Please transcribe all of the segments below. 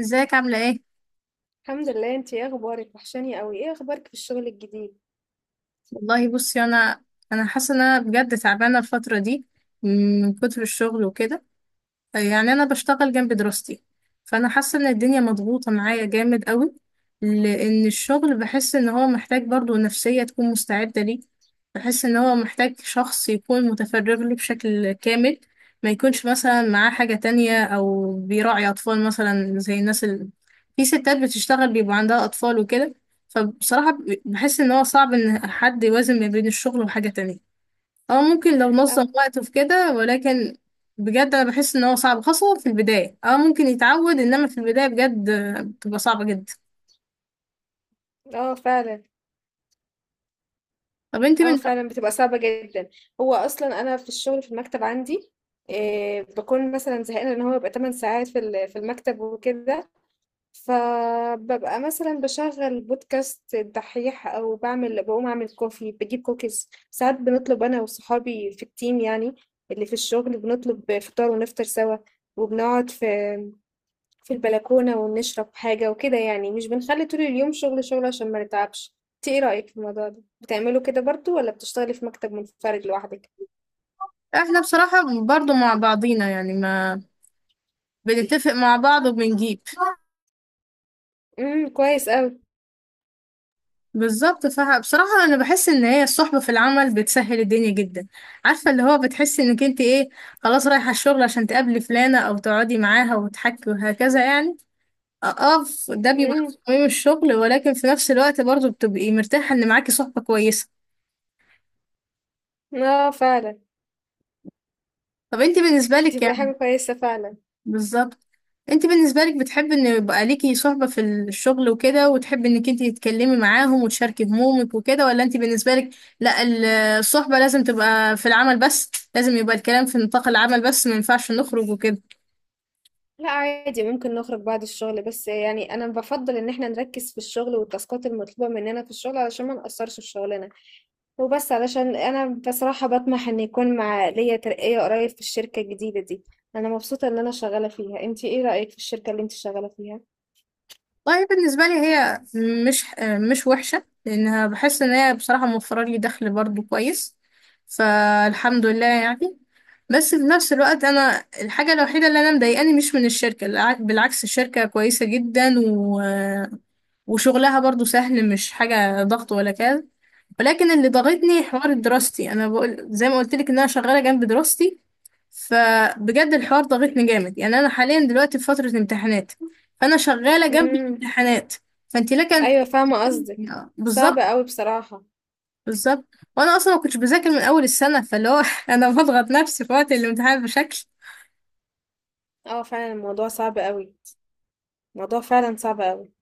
ازيك عاملة ايه؟ الحمد لله، انتي ايه اخبارك؟ وحشاني قوي، ايه اخبارك في الشغل الجديد؟ والله بصي، انا حاسة ان انا بجد تعبانة الفترة دي من كتر الشغل وكده. يعني انا بشتغل جنب دراستي، فانا حاسه ان الدنيا مضغوطه معايا جامد قوي، لان الشغل بحس ان هو محتاج برضو نفسيه تكون مستعده ليه. بحس ان هو محتاج شخص يكون متفرغ له بشكل كامل، ما يكونش مثلا معاه حاجه تانية او بيراعي اطفال، مثلا زي الناس في ستات بتشتغل بيبقى عندها اطفال وكده. فبصراحه بحس ان هو صعب ان حد يوازن ما بين الشغل وحاجه تانية. اه، ممكن لو اه. نظم وقته في كده، ولكن بجد انا بحس ان هو صعب، خاصة في البداية. اه، ممكن يتعود، انما في البداية بجد بتبقى صعبة جدا. اه فعلا. طب انت اه من اه. فعلا، بتبقى صعبة جدا. هو اصلا انا في الشغل في المكتب عندي إيه، بكون مثلا زهقانة لان هو بيبقى 8 ساعات في المكتب وكده. فببقى مثلا بشغل بودكاست الدحيح او بعمل، بقوم اعمل كوفي، بجيب كوكيز، ساعات بنطلب انا وصحابي في التيم يعني اللي في الشغل، بنطلب فطار ونفطر سوا، وبنقعد في البلكونة ونشرب حاجة وكده، يعني مش بنخلي طول اليوم شغل شغل عشان ما نتعبش. انت ايه رأيك في الموضوع ده؟ بتعملوا كده برضو ولا بتشتغلي في مكتب منفرد لوحدك؟ احنا بصراحة برضو مع بعضينا، يعني ما بنتفق مع بعض وبنجيب. كويس قوي. بالظبط، فبصراحة انا بحس ان هي الصحبة في العمل بتسهل الدنيا جدا. عارفة اللي هو بتحس انك انت ايه، خلاص رايحة الشغل عشان تقابلي فلانة او تقعدي معاها وتحكي وهكذا يعني. اه، ده بيبقى امم. في قيم الشغل، ولكن في نفس الوقت برضه بتبقي مرتاحة ان معاكي صحبة كويسة. اه فعلا. طب انت بالنسبة لك تبقى يعني. حاجة كويسة فعلا. بالظبط. انت بالنسبة لك بتحبي ان يبقى ليكي صحبة في الشغل وكده، وتحبي انك انت تتكلمي معاهم وتشاركي همومك وكده، ولا انت بالنسبة لك لا الصحبة لازم تبقى في العمل بس، لازم يبقى الكلام في نطاق العمل بس، ما ينفعش نخرج وكده. لا عادي، ممكن نخرج بعد الشغل، بس يعني انا بفضل ان احنا نركز في الشغل والتاسكات المطلوبة مننا في الشغل علشان ما نقصرش في شغلنا وبس، علشان انا بصراحة بطمح ان يكون مع ليا ترقية قريب في الشركة الجديدة دي. انا مبسوطة ان انا شغالة فيها، انتي ايه رأيك في الشركة اللي انتي شغالة فيها؟ والله بالنسبة لي هي مش مش وحشة، لأنها بحس إن هي بصراحة موفرة لي دخل برضو كويس، فالحمد لله يعني. بس في نفس الوقت أنا الحاجة الوحيدة اللي أنا مضايقاني مش من الشركة بالعكس الشركة كويسة جدا، وشغلها برضو سهل، مش حاجة ضغط ولا كده، ولكن اللي ضغطني حوار دراستي. أنا بقول زي ما قلت لك إن أنا شغالة جنب دراستي، فبجد الحوار ضاغطني جامد. يعني انا حاليا دلوقتي في فترة امتحانات، فانا شغالة جنب امم. الامتحانات. فانت لك ايوه فاهمة قصدك. صعب بالظبط. قوي بصراحة. بالظبط، وانا اصلا ما كنتش بذاكر من اول السنة، فاللي هو انا بضغط نفسي في وقت الامتحان بشكل. اه فعلا، الموضوع صعب قوي. الموضوع فعلا صعب قوي.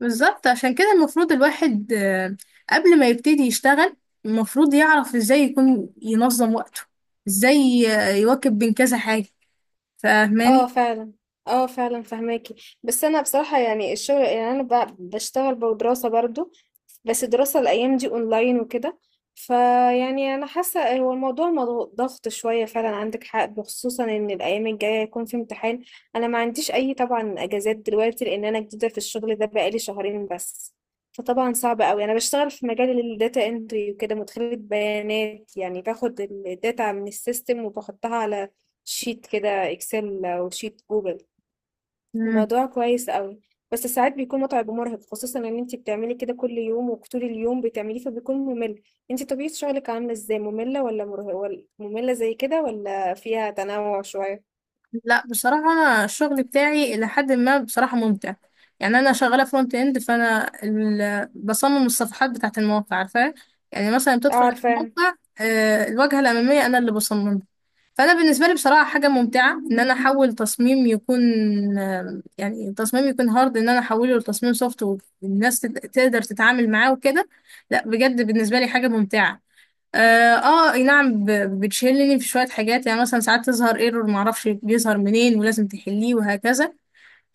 بالظبط، عشان كده المفروض الواحد قبل ما يبتدي يشتغل المفروض يعرف ازاي يكون ينظم وقته، ازاي يواكب بين كذا حاجة. اه فاهماني؟ فعلا. اه فعلا فهماكي. بس انا بصراحة، يعني الشغل، يعني انا بشتغل بدراسة برضو. بس الدراسة الايام دي اونلاين وكده. فيعني انا حاسة هو الموضوع ضغط شوية فعلا، عندك حق، بخصوصا ان الايام الجاية هيكون في امتحان. انا ما عنديش اي طبعا اجازات دلوقتي لان انا جديدة في الشغل ده، بقالي شهرين بس. فطبعا صعب قوي، انا بشتغل في مجال الداتا انتري وكده، مدخلة بيانات يعني، باخد الداتا من السيستم وبحطها على شيت كده اكسل او شيت جوجل. الموضوع كويس قوي. بس ساعات بيكون متعب ومرهق خصوصا ان انت بتعملي كده كل يوم وطول اليوم بتعمليه فبيكون ممل. انت طبيعة شغلك عاملة ازاي؟ مملة ولا مملة زي كده، ولا فيها تنوع شوية؟ لا بصراحة أنا الشغل بتاعي إلى حد ما بصراحة ممتع. يعني أنا شغالة فرونت إند، فأنا بصمم الصفحات بتاعة المواقع، عارفة؟ يعني مثلا اه بتدخل على عارفاها. الموقع، الواجهة الأمامية أنا اللي بصممها. فأنا بالنسبة لي بصراحة حاجة ممتعة إن أنا أحول تصميم يكون يعني تصميم يكون هارد إن أنا أحوله لتصميم سوفت، والناس تقدر تتعامل معاه وكده. لا بجد بالنسبة لي حاجة ممتعة. اه، اي نعم، بتشيلني في شويه حاجات. يعني مثلا ساعات تظهر ايرور، معرفش بيظهر منين، ولازم تحليه وهكذا.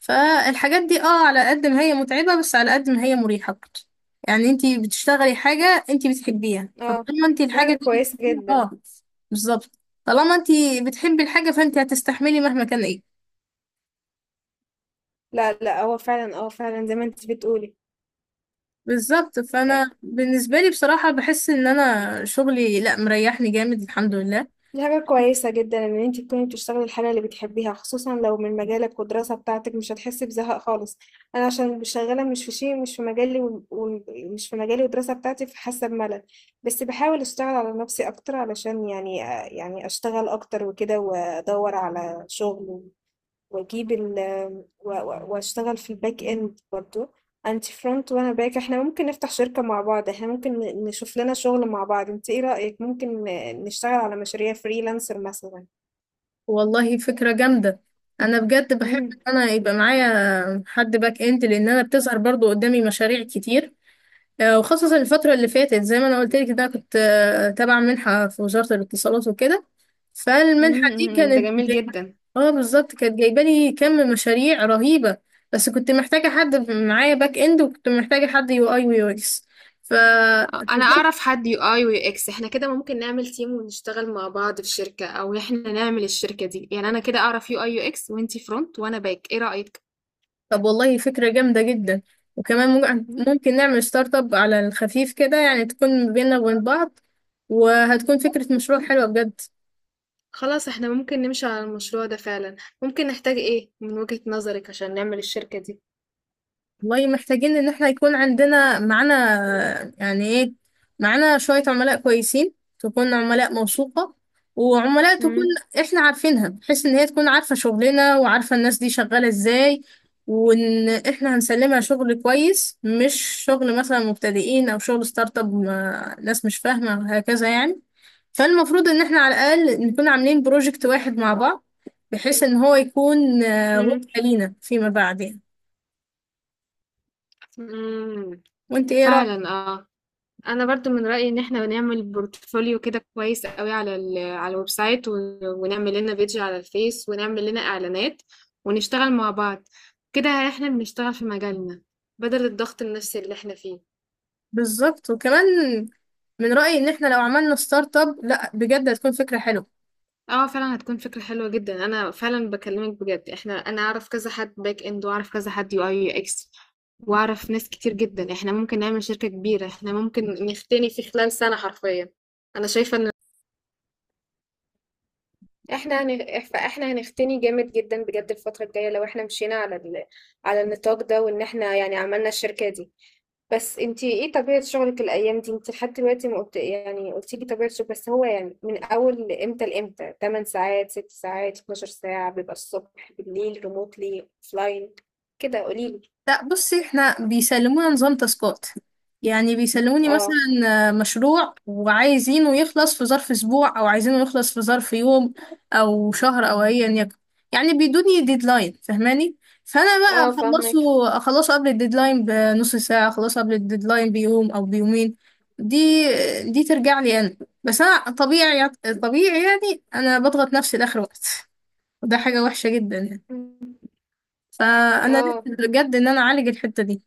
فالحاجات دي، اه، على قد ما هي متعبه، بس على قد ما هي مريحه برضه. يعني انتي بتشتغلي حاجه انتي بتحبيها، اه فطالما انتي دي الحاجه حاجة دي كويسة بتحبيها جدا. اه. بالظبط، طالما انتي بتحبي الحاجه فانتي هتستحملي مهما كان ايه. لا لا، هو فعلا، اه فعلا زي ما انت بتقولي. بالظبط، فانا بالنسبه لي بصراحه بحس ان انا شغلي لا مريحني جامد، الحمد لله. دي حاجة كويسة جدا إن أنت تكوني بتشتغلي الحاجة اللي بتحبيها، خصوصا لو من مجالك والدراسة بتاعتك مش هتحسي بزهق خالص. أنا عشان مش شغالة، مش في شيء، مش في مجالي و- و- مش في مجالي والدراسة بتاعتي، فحاسة بملل. بس بحاول أشتغل على نفسي أكتر علشان يعني، يعني أشتغل أكتر وكده وأدور على شغل واجيب ال واشتغل في الباك اند برضو. انت فرونت وانا باك، احنا ممكن نفتح شركة مع بعض، احنا ممكن نشوف لنا شغل مع بعض. انت ايه رأيك؟ ممكن نشتغل على مشاريع فريلانسر مثلا؟ والله فكرة جامدة. أنا بجد بحب مم. إن أنا يبقى معايا حد باك إند، لأن أنا بتظهر برضو قدامي مشاريع كتير. وخصوصا الفترة اللي فاتت، زي ما أنا قلت لك إن أنا كنت تابعة منحة في وزارة الاتصالات وكده. فالمنحة دي مم. ده كانت جميل جايبة. جدا. اه بالظبط، كانت جايبة لي كم مشاريع رهيبة. بس كنت محتاجة حد معايا باك إند، وكنت محتاجة حد يو أي ويو إكس. انا اعرف حد يو اي ويو اكس، احنا كده ممكن نعمل تيم ونشتغل مع بعض في شركة او احنا نعمل الشركة دي يعني، انا كده اعرف يو اي يو اكس وانتي فرونت وانا باك، ايه رأيك؟ طب والله فكرة جامدة جدا، وكمان ممكن نعمل ستارت اب على الخفيف كده، يعني تكون بيننا وبين بعض، وهتكون فكرة مشروع حلوة بجد. خلاص، احنا ممكن نمشي على المشروع ده فعلا. ممكن نحتاج ايه من وجهة نظرك عشان نعمل الشركة دي؟ والله محتاجين ان احنا يكون عندنا معانا، يعني ايه، معانا شوية عملاء كويسين، تكون عملاء موثوقة، وعملاء تكون مم. احنا عارفينها، بحيث ان هي تكون عارفة شغلنا وعارفة الناس دي شغالة ازاي، وان احنا هنسلمها شغل كويس، مش شغل مثلا مبتدئين او شغل ستارت اب، ناس مش فاهمة هكذا يعني. فالمفروض ان احنا على الاقل نكون عاملين بروجكت واحد مع بعض، بحيث ان هو يكون وقت مم. لينا فيما بعد يعني. مم. وانت ايه رأيك؟ فعلا اه. انا برضو من رأيي ان احنا نعمل بورتفوليو كده كويس قوي على الويب سايت، ونعمل لنا بيج على الفيس ونعمل لنا اعلانات ونشتغل مع بعض. كده احنا بنشتغل في مجالنا، بدل الضغط النفسي اللي احنا فيه. بالظبط، وكمان من رأيي ان احنا لو عملنا ستارت اب، لا بجد هتكون فكرة حلوة. اه فعلا هتكون فكرة حلوة جدا، انا فعلا بكلمك بجد. احنا، انا اعرف كذا حد باك اند واعرف كذا حد يو اي يو اكس واعرف ناس كتير جدا. احنا ممكن نعمل شركة كبيرة، احنا ممكن نختني في خلال سنة حرفيا. انا شايفة ان فاحنا هنختني جامد جدا بجد الفترة الجاية لو احنا مشينا على النطاق ده، وان احنا يعني عملنا الشركة دي. بس انتي ايه طبيعة شغلك الأيام دي؟ انتي لحد دلوقتي ما قلت، يعني قلتي لي طبيعة شغلك بس هو يعني من أول امتى لامتى؟ 8 ساعات؟ 6 ساعات؟ 12 ساعة؟ بيبقى الصبح بالليل، ريموتلي اوفلاين، كده قوليلي. لا بصي، احنا بيسلمونا نظام تاسكات. يعني بيسلموني مثلا اه. مشروع، وعايزينه يخلص في ظرف اسبوع، او عايزينه يخلص في ظرف يوم، او شهر، او ايا يكن. يعني بيدوني ديدلاين، فاهماني؟ فانا اه بقى فاهمك. اخلصه قبل الديدلاين بنص ساعة، اخلصه قبل الديدلاين بيوم او بيومين. دي دي ترجع لي انا. بس انا طبيعي يعني انا بضغط نفسي لاخر وقت، وده حاجة وحشة جدا يعني. مم. فانا اه. نفسي بجد ان انا اعالج الحتة دي.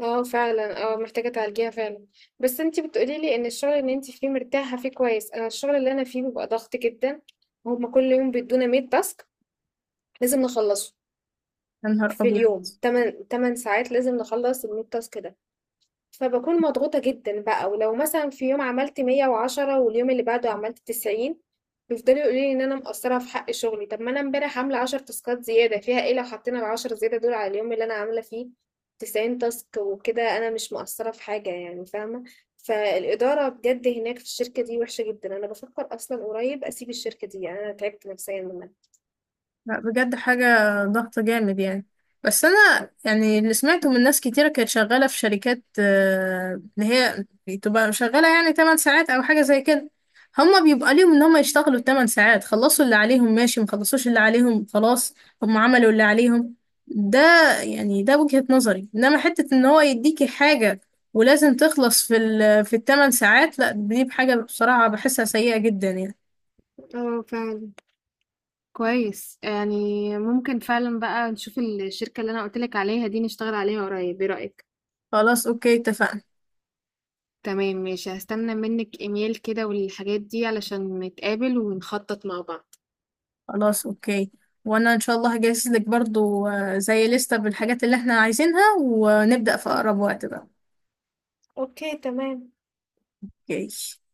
اه فعلا، اه محتاجة تعالجيها فعلا. بس انتي بتقولي لي ان الشغل اللي انتي فيه مرتاحة فيه كويس، انا الشغل اللي انا فيه بيبقى ضغط جدا. هما كل يوم بيدونا 100 تاسك لازم نخلصه. يا نهار في أبيض! اليوم 8 ساعات لازم نخلص ال 100 تاسك. فبكون مضغوطة جدًا بقى، ولو مثلًا في يوم عملت 110 واليوم اللي بعده عملت 90، بيفضلوا يقولوا لي إن أنا مقصّرة في حق شغلي. طب ما أنا امبارح عاملة 10 تاسكات زيادة، فيها إيه لو حطينا ال10 زيادة دول على اليوم اللي أنا عاملة فيه 90 تاسك وكده أنا مش مقصّرة في حاجة يعني، فاهمة؟ فالإدارة بجد هناك في الشركة دي وحشة جدًا، أنا بافكر أصلًا قريب أسيب الشركة دي، يعني أنا تعبت نفسيًا منها. لا بجد حاجة ضغط جامد يعني. بس أنا يعني اللي سمعته من ناس كتيرة كانت شغالة في شركات اللي هي بتبقى شغالة يعني 8 ساعات أو حاجة زي كده. هما بيبقى ليهم إن هما يشتغلوا 8 ساعات، خلصوا اللي عليهم ماشي، مخلصوش اللي عليهم خلاص، هما عملوا اللي عليهم. ده يعني ده وجهة نظري. إنما حتة إن هو يديكي حاجة ولازم تخلص في الثمان ساعات، لا دي بحاجة بصراحة بحسها سيئة جدا يعني. آه فعلًا، كويس، يعني ممكن فعلًا بقى نشوف الشركة اللي أنا قُلت لك عليها دي، نشتغل عليها قريب. إيه رأيِك؟ خلاص أوكي اتفقنا. تمام ماشي، هستنى منك ايميل كده والحاجات دي علشان نتقابل ونخطط مع بعض. خلاص اوكي، وانا ان شاء الله هجهز لك برضو زي لستة بالحاجات اللي احنا عايزينها، ونبدأ في اقرب وقت بقى. اوكي تمام. اوكي.